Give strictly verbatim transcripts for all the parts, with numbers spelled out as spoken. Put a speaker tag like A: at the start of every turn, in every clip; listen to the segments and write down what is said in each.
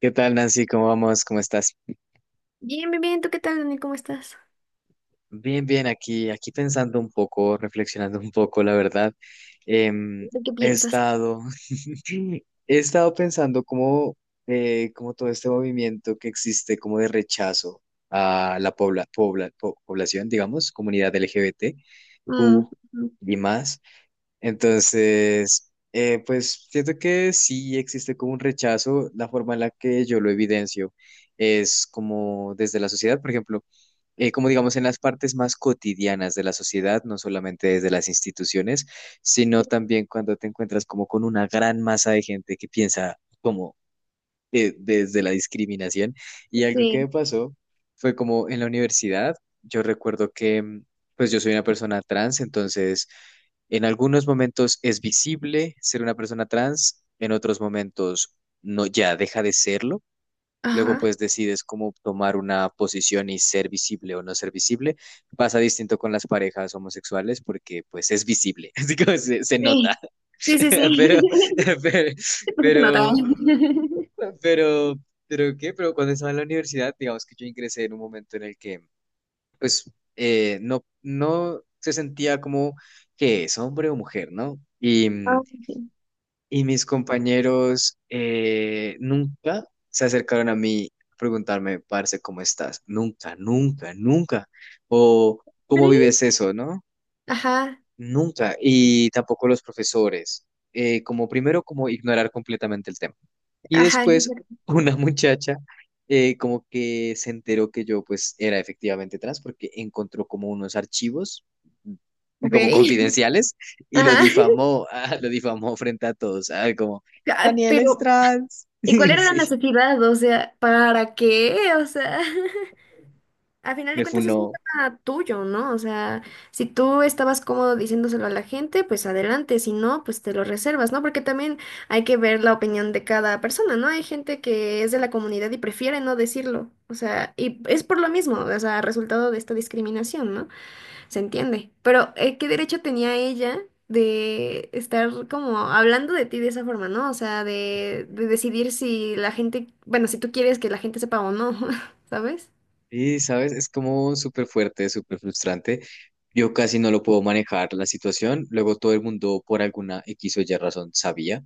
A: ¿Qué tal, Nancy? ¿Cómo vamos? ¿Cómo estás?
B: Bien, bien, bien. ¿Tú qué tal, Dani? ¿Cómo estás?
A: Bien, bien, aquí, aquí pensando un poco, reflexionando un poco, la verdad. Em,
B: ¿De qué
A: he
B: piensas?
A: estado, he estado pensando cómo, eh, cómo todo este movimiento que existe como de rechazo a la pobla, pobla- po- población, digamos, comunidad L G B T
B: Mm,
A: Q
B: mm,
A: y más. Entonces, eh, pues siento que sí existe como un rechazo, la forma en la que yo lo evidencio es como desde la sociedad, por ejemplo. Eh, como digamos, en las partes más cotidianas de la sociedad, no solamente desde las instituciones, sino también cuando te encuentras como con una gran masa de gente que piensa como eh, desde la discriminación. Y algo que
B: sí.
A: me pasó fue como en la universidad, yo recuerdo que mm, pues yo soy una persona trans, entonces en algunos momentos es visible ser una persona trans, en otros momentos no, ya deja de serlo. Luego
B: Ajá.
A: pues decides cómo tomar una posición y ser visible o no ser visible. Pasa distinto con las parejas homosexuales porque pues es visible, así que se, se nota.
B: Sí, sí, sí, sí.
A: Pero,
B: Porque se nota.
A: pero, pero, pero, pero, ¿qué? Pero cuando estaba en la universidad, digamos que yo ingresé en un momento en el que pues eh, no, no se sentía como que es hombre o mujer, ¿no? Y,
B: Ah,
A: mm,
B: sí.
A: y mis compañeros eh, nunca se acercaron a mí a preguntarme, parce, ¿cómo estás? Nunca, nunca, nunca. O, ¿cómo
B: ¿Crees?
A: vives eso, no?
B: Ajá,
A: Nunca. Y tampoco los profesores. Eh, como primero, como ignorar completamente el tema. Y
B: ajá.
A: después una muchacha eh, como que se enteró que yo pues era efectivamente trans porque encontró como unos archivos mm,
B: Ok.
A: como confidenciales y lo
B: Ajá.
A: difamó, ah, lo difamó frente a todos, ah, como
B: Ah,
A: Daniel es
B: pero,
A: trans.
B: ¿y cuál era la
A: Sí,
B: necesidad? O sea, ¿para qué? O sea. Al final de
A: me
B: cuentas es un
A: funó.
B: tema tuyo, ¿no? O sea, si tú estabas cómodo diciéndoselo a la gente, pues adelante, si no, pues te lo reservas, ¿no? Porque también hay que ver la opinión de cada persona, ¿no? Hay gente que es de la comunidad y prefiere no decirlo, o sea, y es por lo mismo, o sea, resultado de esta discriminación, ¿no? Se entiende. Pero, eh, ¿qué derecho tenía ella de estar como hablando de ti de esa forma, ¿no? O sea, de, de decidir si la gente, bueno, si tú quieres que la gente sepa o no, ¿sabes?
A: Sí, sabes, es como súper fuerte, súper frustrante. Yo casi no lo puedo manejar la situación. Luego todo el mundo por alguna X o Y razón sabía.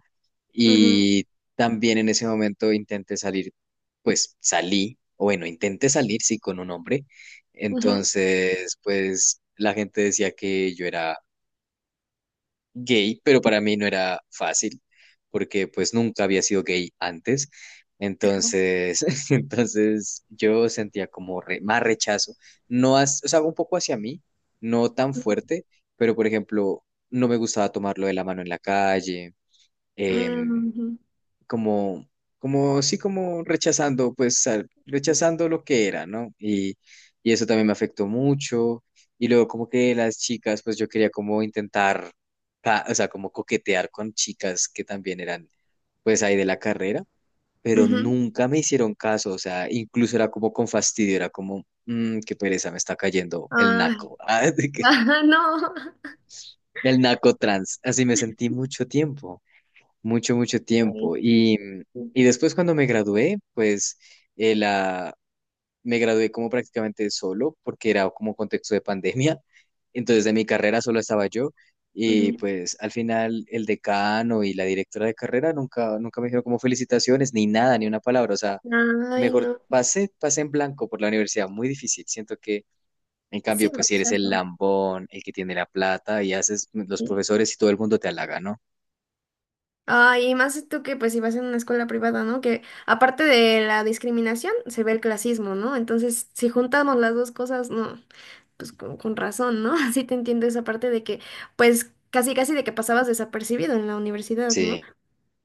B: Ujú,
A: Y también en ese momento intenté salir, pues salí, o bueno, intenté salir, sí, con un hombre.
B: ujú.
A: Entonces, pues la gente decía que yo era gay, pero para mí no era fácil, porque pues nunca había sido gay antes. Entonces, entonces yo sentía como re- más rechazo, no, as- o sea, un poco hacia mí, no tan fuerte, pero por ejemplo, no me gustaba tomarlo de la mano en la calle, em,
B: Ujú,
A: como, como, sí, como rechazando, pues, al- rechazando lo que era, ¿no? Y, y eso también me afectó mucho. Y luego como que las chicas, pues yo quería como intentar, ca- o sea, como coquetear con chicas que también eran, pues, ahí de la carrera, pero
B: ujú.
A: nunca me hicieron caso, o sea, incluso era como con fastidio, era como, "Mm, qué pereza, me está cayendo el
B: Ay,
A: naco, ah, de que-
B: ah, no.
A: el naco trans, así me sentí mucho tiempo mucho, mucho
B: Ay,
A: tiempo. Y,
B: sí.
A: y después cuando me gradué, pues eh, la, me gradué como prácticamente solo, porque era como contexto de pandemia. Entonces de mi carrera solo estaba yo. Y
B: Ujú.
A: pues al final el decano y la directora de carrera nunca, nunca me dijeron como felicitaciones, ni nada, ni una palabra. O sea,
B: Ay,
A: mejor
B: no.
A: pasé, pasé en blanco por la universidad. Muy difícil. Siento que en
B: Sí,
A: cambio,
B: el
A: pues si eres el
B: rechazo.
A: lambón, el que tiene la plata y haces los
B: Sí.
A: profesores y todo el mundo te halaga, ¿no?
B: Ay, y más tú que pues si vas en una escuela privada, ¿no? Que aparte de la discriminación, se ve el clasismo, ¿no? Entonces, si juntamos las dos cosas, no, pues con, con razón, ¿no? Así te entiendo esa parte de que, pues, casi casi de que pasabas desapercibido en la universidad,
A: Sí,
B: ¿no?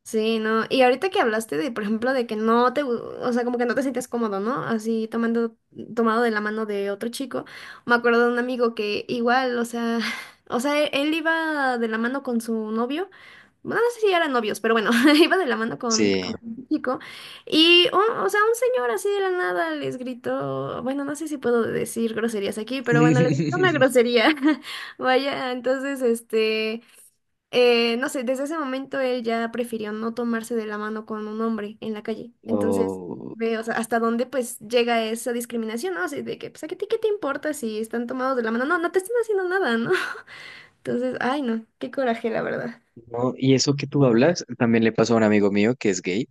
B: Sí, ¿no? Y ahorita que hablaste de, por ejemplo, de que no te, gu- o sea, como que no te sientes cómodo, ¿no? Así tomando, tomado de la mano de otro chico. Me acuerdo de un amigo que igual, o sea, o sea, e- él iba de la mano con su novio. Bueno, no sé si eran novios, pero bueno, iba de la mano con,
A: sí.
B: con un chico. Y, un- o sea, un señor así de la nada les gritó, bueno, no sé si puedo decir groserías aquí, pero bueno, les gritó una grosería. Vaya, entonces, este. Eh, no sé, desde ese momento él ya prefirió no tomarse de la mano con un hombre en la calle. Entonces,
A: Oh,
B: ve, o sea, hasta dónde pues llega esa discriminación, ¿no? Así de que, pues, ¿a ti qué te importa si están tomados de la mano? No, no te están haciendo nada, ¿no? Entonces, ay, no, qué coraje, la verdad.
A: no, y eso que tú hablas también le pasó a un amigo mío que es gay.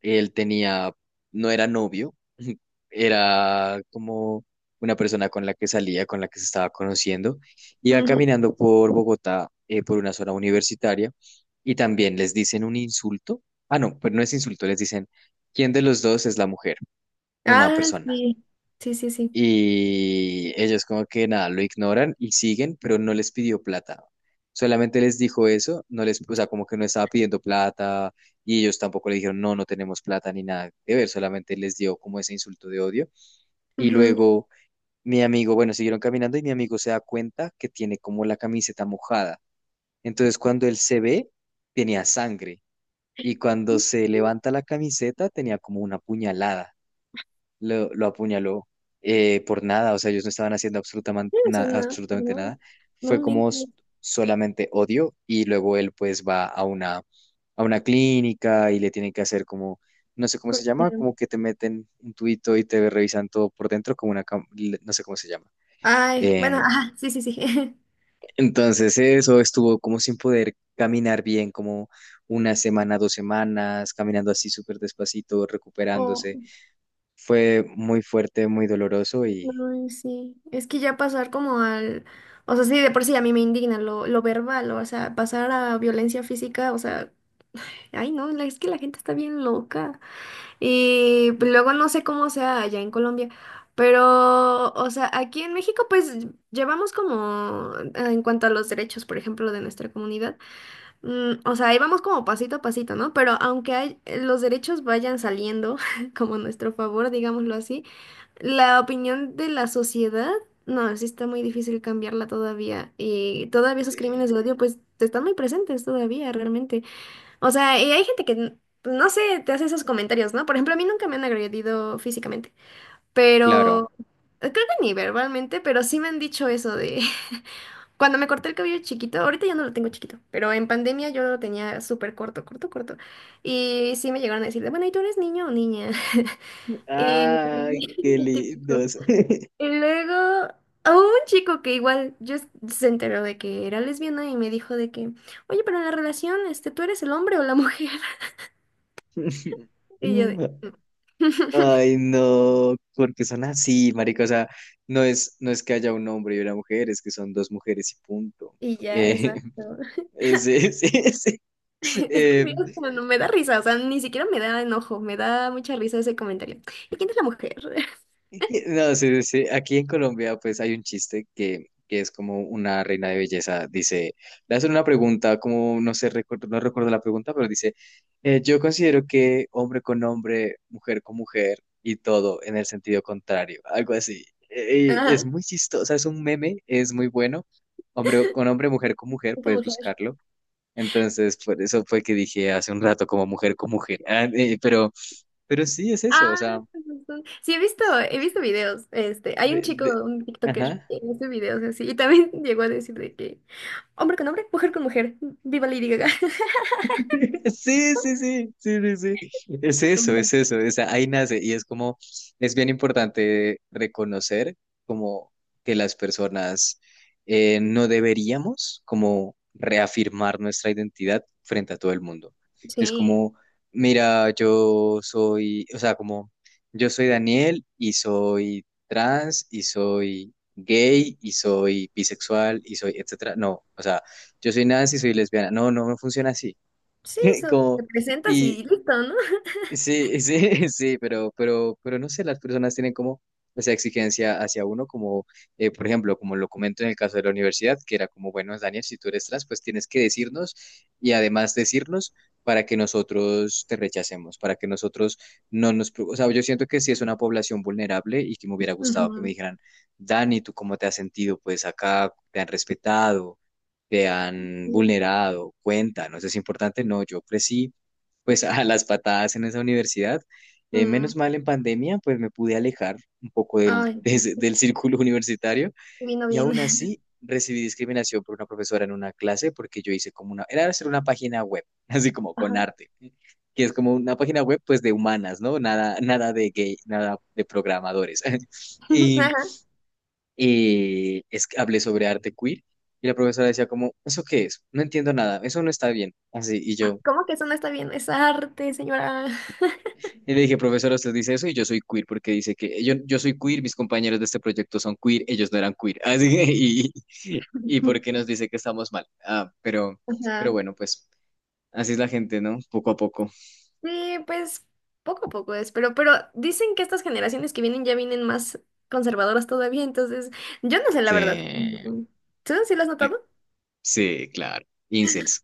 A: Él tenía, no era novio, era como una persona con la que salía, con la que se estaba conociendo. Iba
B: Ujú.
A: caminando por Bogotá, eh, por una zona universitaria, y también les dicen un insulto. Ah, no, pero no es insulto, les dicen, ¿quién de los dos es la mujer? Una
B: Ah,
A: persona.
B: sí, sí, sí, sí.
A: Y ellos como que nada, lo ignoran y siguen, pero no les pidió plata. Solamente les dijo eso, no les, o sea, como que no estaba pidiendo plata y ellos tampoco le dijeron, no, no tenemos plata ni nada que ver, solamente les dio como ese insulto de odio. Y
B: Ujú.
A: luego mi amigo, bueno, siguieron caminando y mi amigo se da cuenta que tiene como la camiseta mojada. Entonces cuando él se ve, tenía sangre y cuando
B: Sí,
A: se levanta la camiseta tenía como una puñalada lo, lo apuñaló eh, por nada, o sea, ellos no estaban haciendo absolutamente,
B: me suena.
A: absolutamente
B: No,
A: nada,
B: no
A: fue como
B: mientes.
A: s- solamente odio y luego él pues va a una, a una clínica y le tienen que hacer como, no sé cómo se llama,
B: Coraje.
A: como que te meten un tubito y te revisan todo por dentro como una, cam- l- no sé cómo se llama.
B: Ay, bueno,
A: Em,
B: ajá, sí, sí, sí.
A: entonces eso estuvo como sin poder caminar bien, como una semana, dos semanas, caminando así súper despacito, recuperándose.
B: O-
A: Fue muy fuerte, muy doloroso.
B: ay, sí, es que ya pasar como al, o sea, sí, de por sí a mí me indigna lo, lo verbal, o sea, pasar a violencia física, o sea, ay no, la- es que la gente está bien loca. Y pues, luego no sé cómo sea allá en Colombia, pero, o sea, aquí en México pues llevamos como, eh, en cuanto a los derechos, por ejemplo, de nuestra comunidad, mm, o sea, ahí vamos como pasito a pasito, ¿no? Pero aunque hay, los derechos vayan saliendo como a nuestro favor, digámoslo así. La opinión de la sociedad, no, sí está muy difícil cambiarla todavía. Y todavía esos
A: Eh,
B: crímenes de odio, pues, están muy presentes todavía, realmente. O sea, y hay gente que, n- no sé, te hace esos comentarios, ¿no? Por ejemplo, a mí nunca me han agredido físicamente,
A: claro.
B: pero eh, creo que ni verbalmente, pero sí me han dicho eso de... Cuando me corté el cabello chiquito, ahorita ya no lo tengo chiquito, pero en pandemia yo lo tenía súper corto, corto, corto. Y sí me llegaron a decir, de, bueno, ¿y tú eres niño o niña? Y
A: Ay, qué
B: típico.
A: lindos.
B: Y luego, a un chico que igual yo s- se enteró de que era lesbiana y me dijo de que, oye, pero en la relación, este, ¿tú eres el hombre o la mujer? Y yo de... "Mm".
A: Ay, no, porque son así, marica. O sea, no es, no es que haya un hombre y una mujer, es que son dos mujeres y punto.
B: Y ya,
A: Eh,
B: exacto.
A: ese, ese, ese.
B: Es que
A: eh,
B: Dios, no, no, me da risa, o sea, ni siquiera me da enojo, me da mucha risa ese comentario. ¿Y quién es la mujer?
A: Es que- No, sí, sí, sí. Aquí en Colombia, pues hay un chiste que, que es como una reina de belleza. Dice, le hacen una pregunta, como no sé, recu- no recuerdo la pregunta, pero dice, eh, yo considero que hombre con hombre, mujer con mujer y todo en el sentido contrario, algo así. Eh, y
B: Ajá,
A: es
B: ¿quién
A: muy chistoso, es un meme, es muy bueno. Hombre con hombre, mujer con mujer,
B: es la
A: puedes
B: mujer?
A: buscarlo. Entonces, por eso fue que dije hace un rato como mujer con mujer. Ah, eh, pero, pero sí es eso, o
B: Ah,
A: sea,
B: con razón. Sí, he visto, he visto videos. Este, hay un
A: de,
B: chico,
A: de-
B: un TikToker,
A: ajá.
B: que hace videos así, y también llegó a decir de que hombre con hombre, mujer con mujer, viva Lady Gaga.
A: Sí, sí, sí, sí, sí, sí. Es eso,
B: Ujú.
A: es eso, es, ahí nace y es como, es bien importante reconocer como que las personas eh, no deberíamos como reafirmar nuestra identidad frente a todo el mundo. Es
B: Sí,
A: como, mira, yo soy, o sea, como, yo soy Daniel y soy trans y soy gay y soy bisexual y soy, etcétera. No, o sea, yo soy Nancy y soy lesbiana. No, no, no funciona así.
B: sí, eso, te
A: Como,
B: presentas
A: y
B: y listo, ¿no?
A: sí, sí, sí, pero, pero, pero no sé, las personas tienen como esa exigencia hacia uno, como, eh, por ejemplo, como lo comento en el caso de la universidad, que era como, bueno, Daniel, si tú eres trans, pues tienes que decirnos y además decirnos para que nosotros te rechacemos, para que nosotros no nos... pro- O sea, yo siento que sí es una población vulnerable y que me hubiera gustado que me
B: Ujú,
A: dijeran, Dani, ¿tú cómo te has sentido? Pues acá te han respetado, te han
B: sí.
A: vulnerado, cuenta, no es importante, no, yo crecí pues a las patadas en esa universidad. Eh,
B: Mm,
A: menos mal en pandemia, pues me pude alejar un poco del,
B: ay,
A: de ese-
B: sí,
A: del círculo universitario
B: vino
A: y
B: bien.
A: aún así recibí discriminación por una profesora en una clase porque yo hice como una, era hacer una página web, así como con
B: Ajá.
A: arte, que es como una página web pues de humanas, ¿no? Nada, nada de gay, nada de programadores. Y,
B: Ajá.
A: y es que hablé sobre arte queer y la profesora decía como, ¿eso qué es? No entiendo nada, eso no está bien. Así, y
B: Ay,
A: yo...
B: ¿cómo que eso no está bien? Es arte, señora.
A: Y le dije, profesora, usted dice eso y yo soy queer porque dice que yo, yo soy queer, mis compañeros de este proyecto son queer, ellos no eran queer. Así que, y, y porque nos dice que estamos mal. Ah, pero, pero
B: Ajá.
A: bueno, pues así es la gente, ¿no? Poco a poco.
B: Sí, pues poco a poco es, pero, pero dicen que estas generaciones que vienen ya vienen más conservadoras todavía, entonces yo no sé la
A: Sí,
B: verdad.
A: eh,
B: Ujú. ¿Tú sí lo has notado?
A: sí, claro. Incels.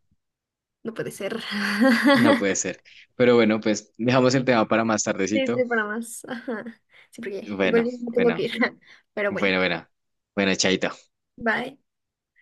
B: No puede ser.
A: No puede ser. Pero bueno, pues dejamos el tema para más
B: Sí,
A: tardecito.
B: sí, para más. Ajá. Sí, porque igual
A: Bueno,
B: yo me tengo
A: bueno,
B: que ir. Pero bueno,
A: bueno, bueno. Bueno, chaito.
B: bye.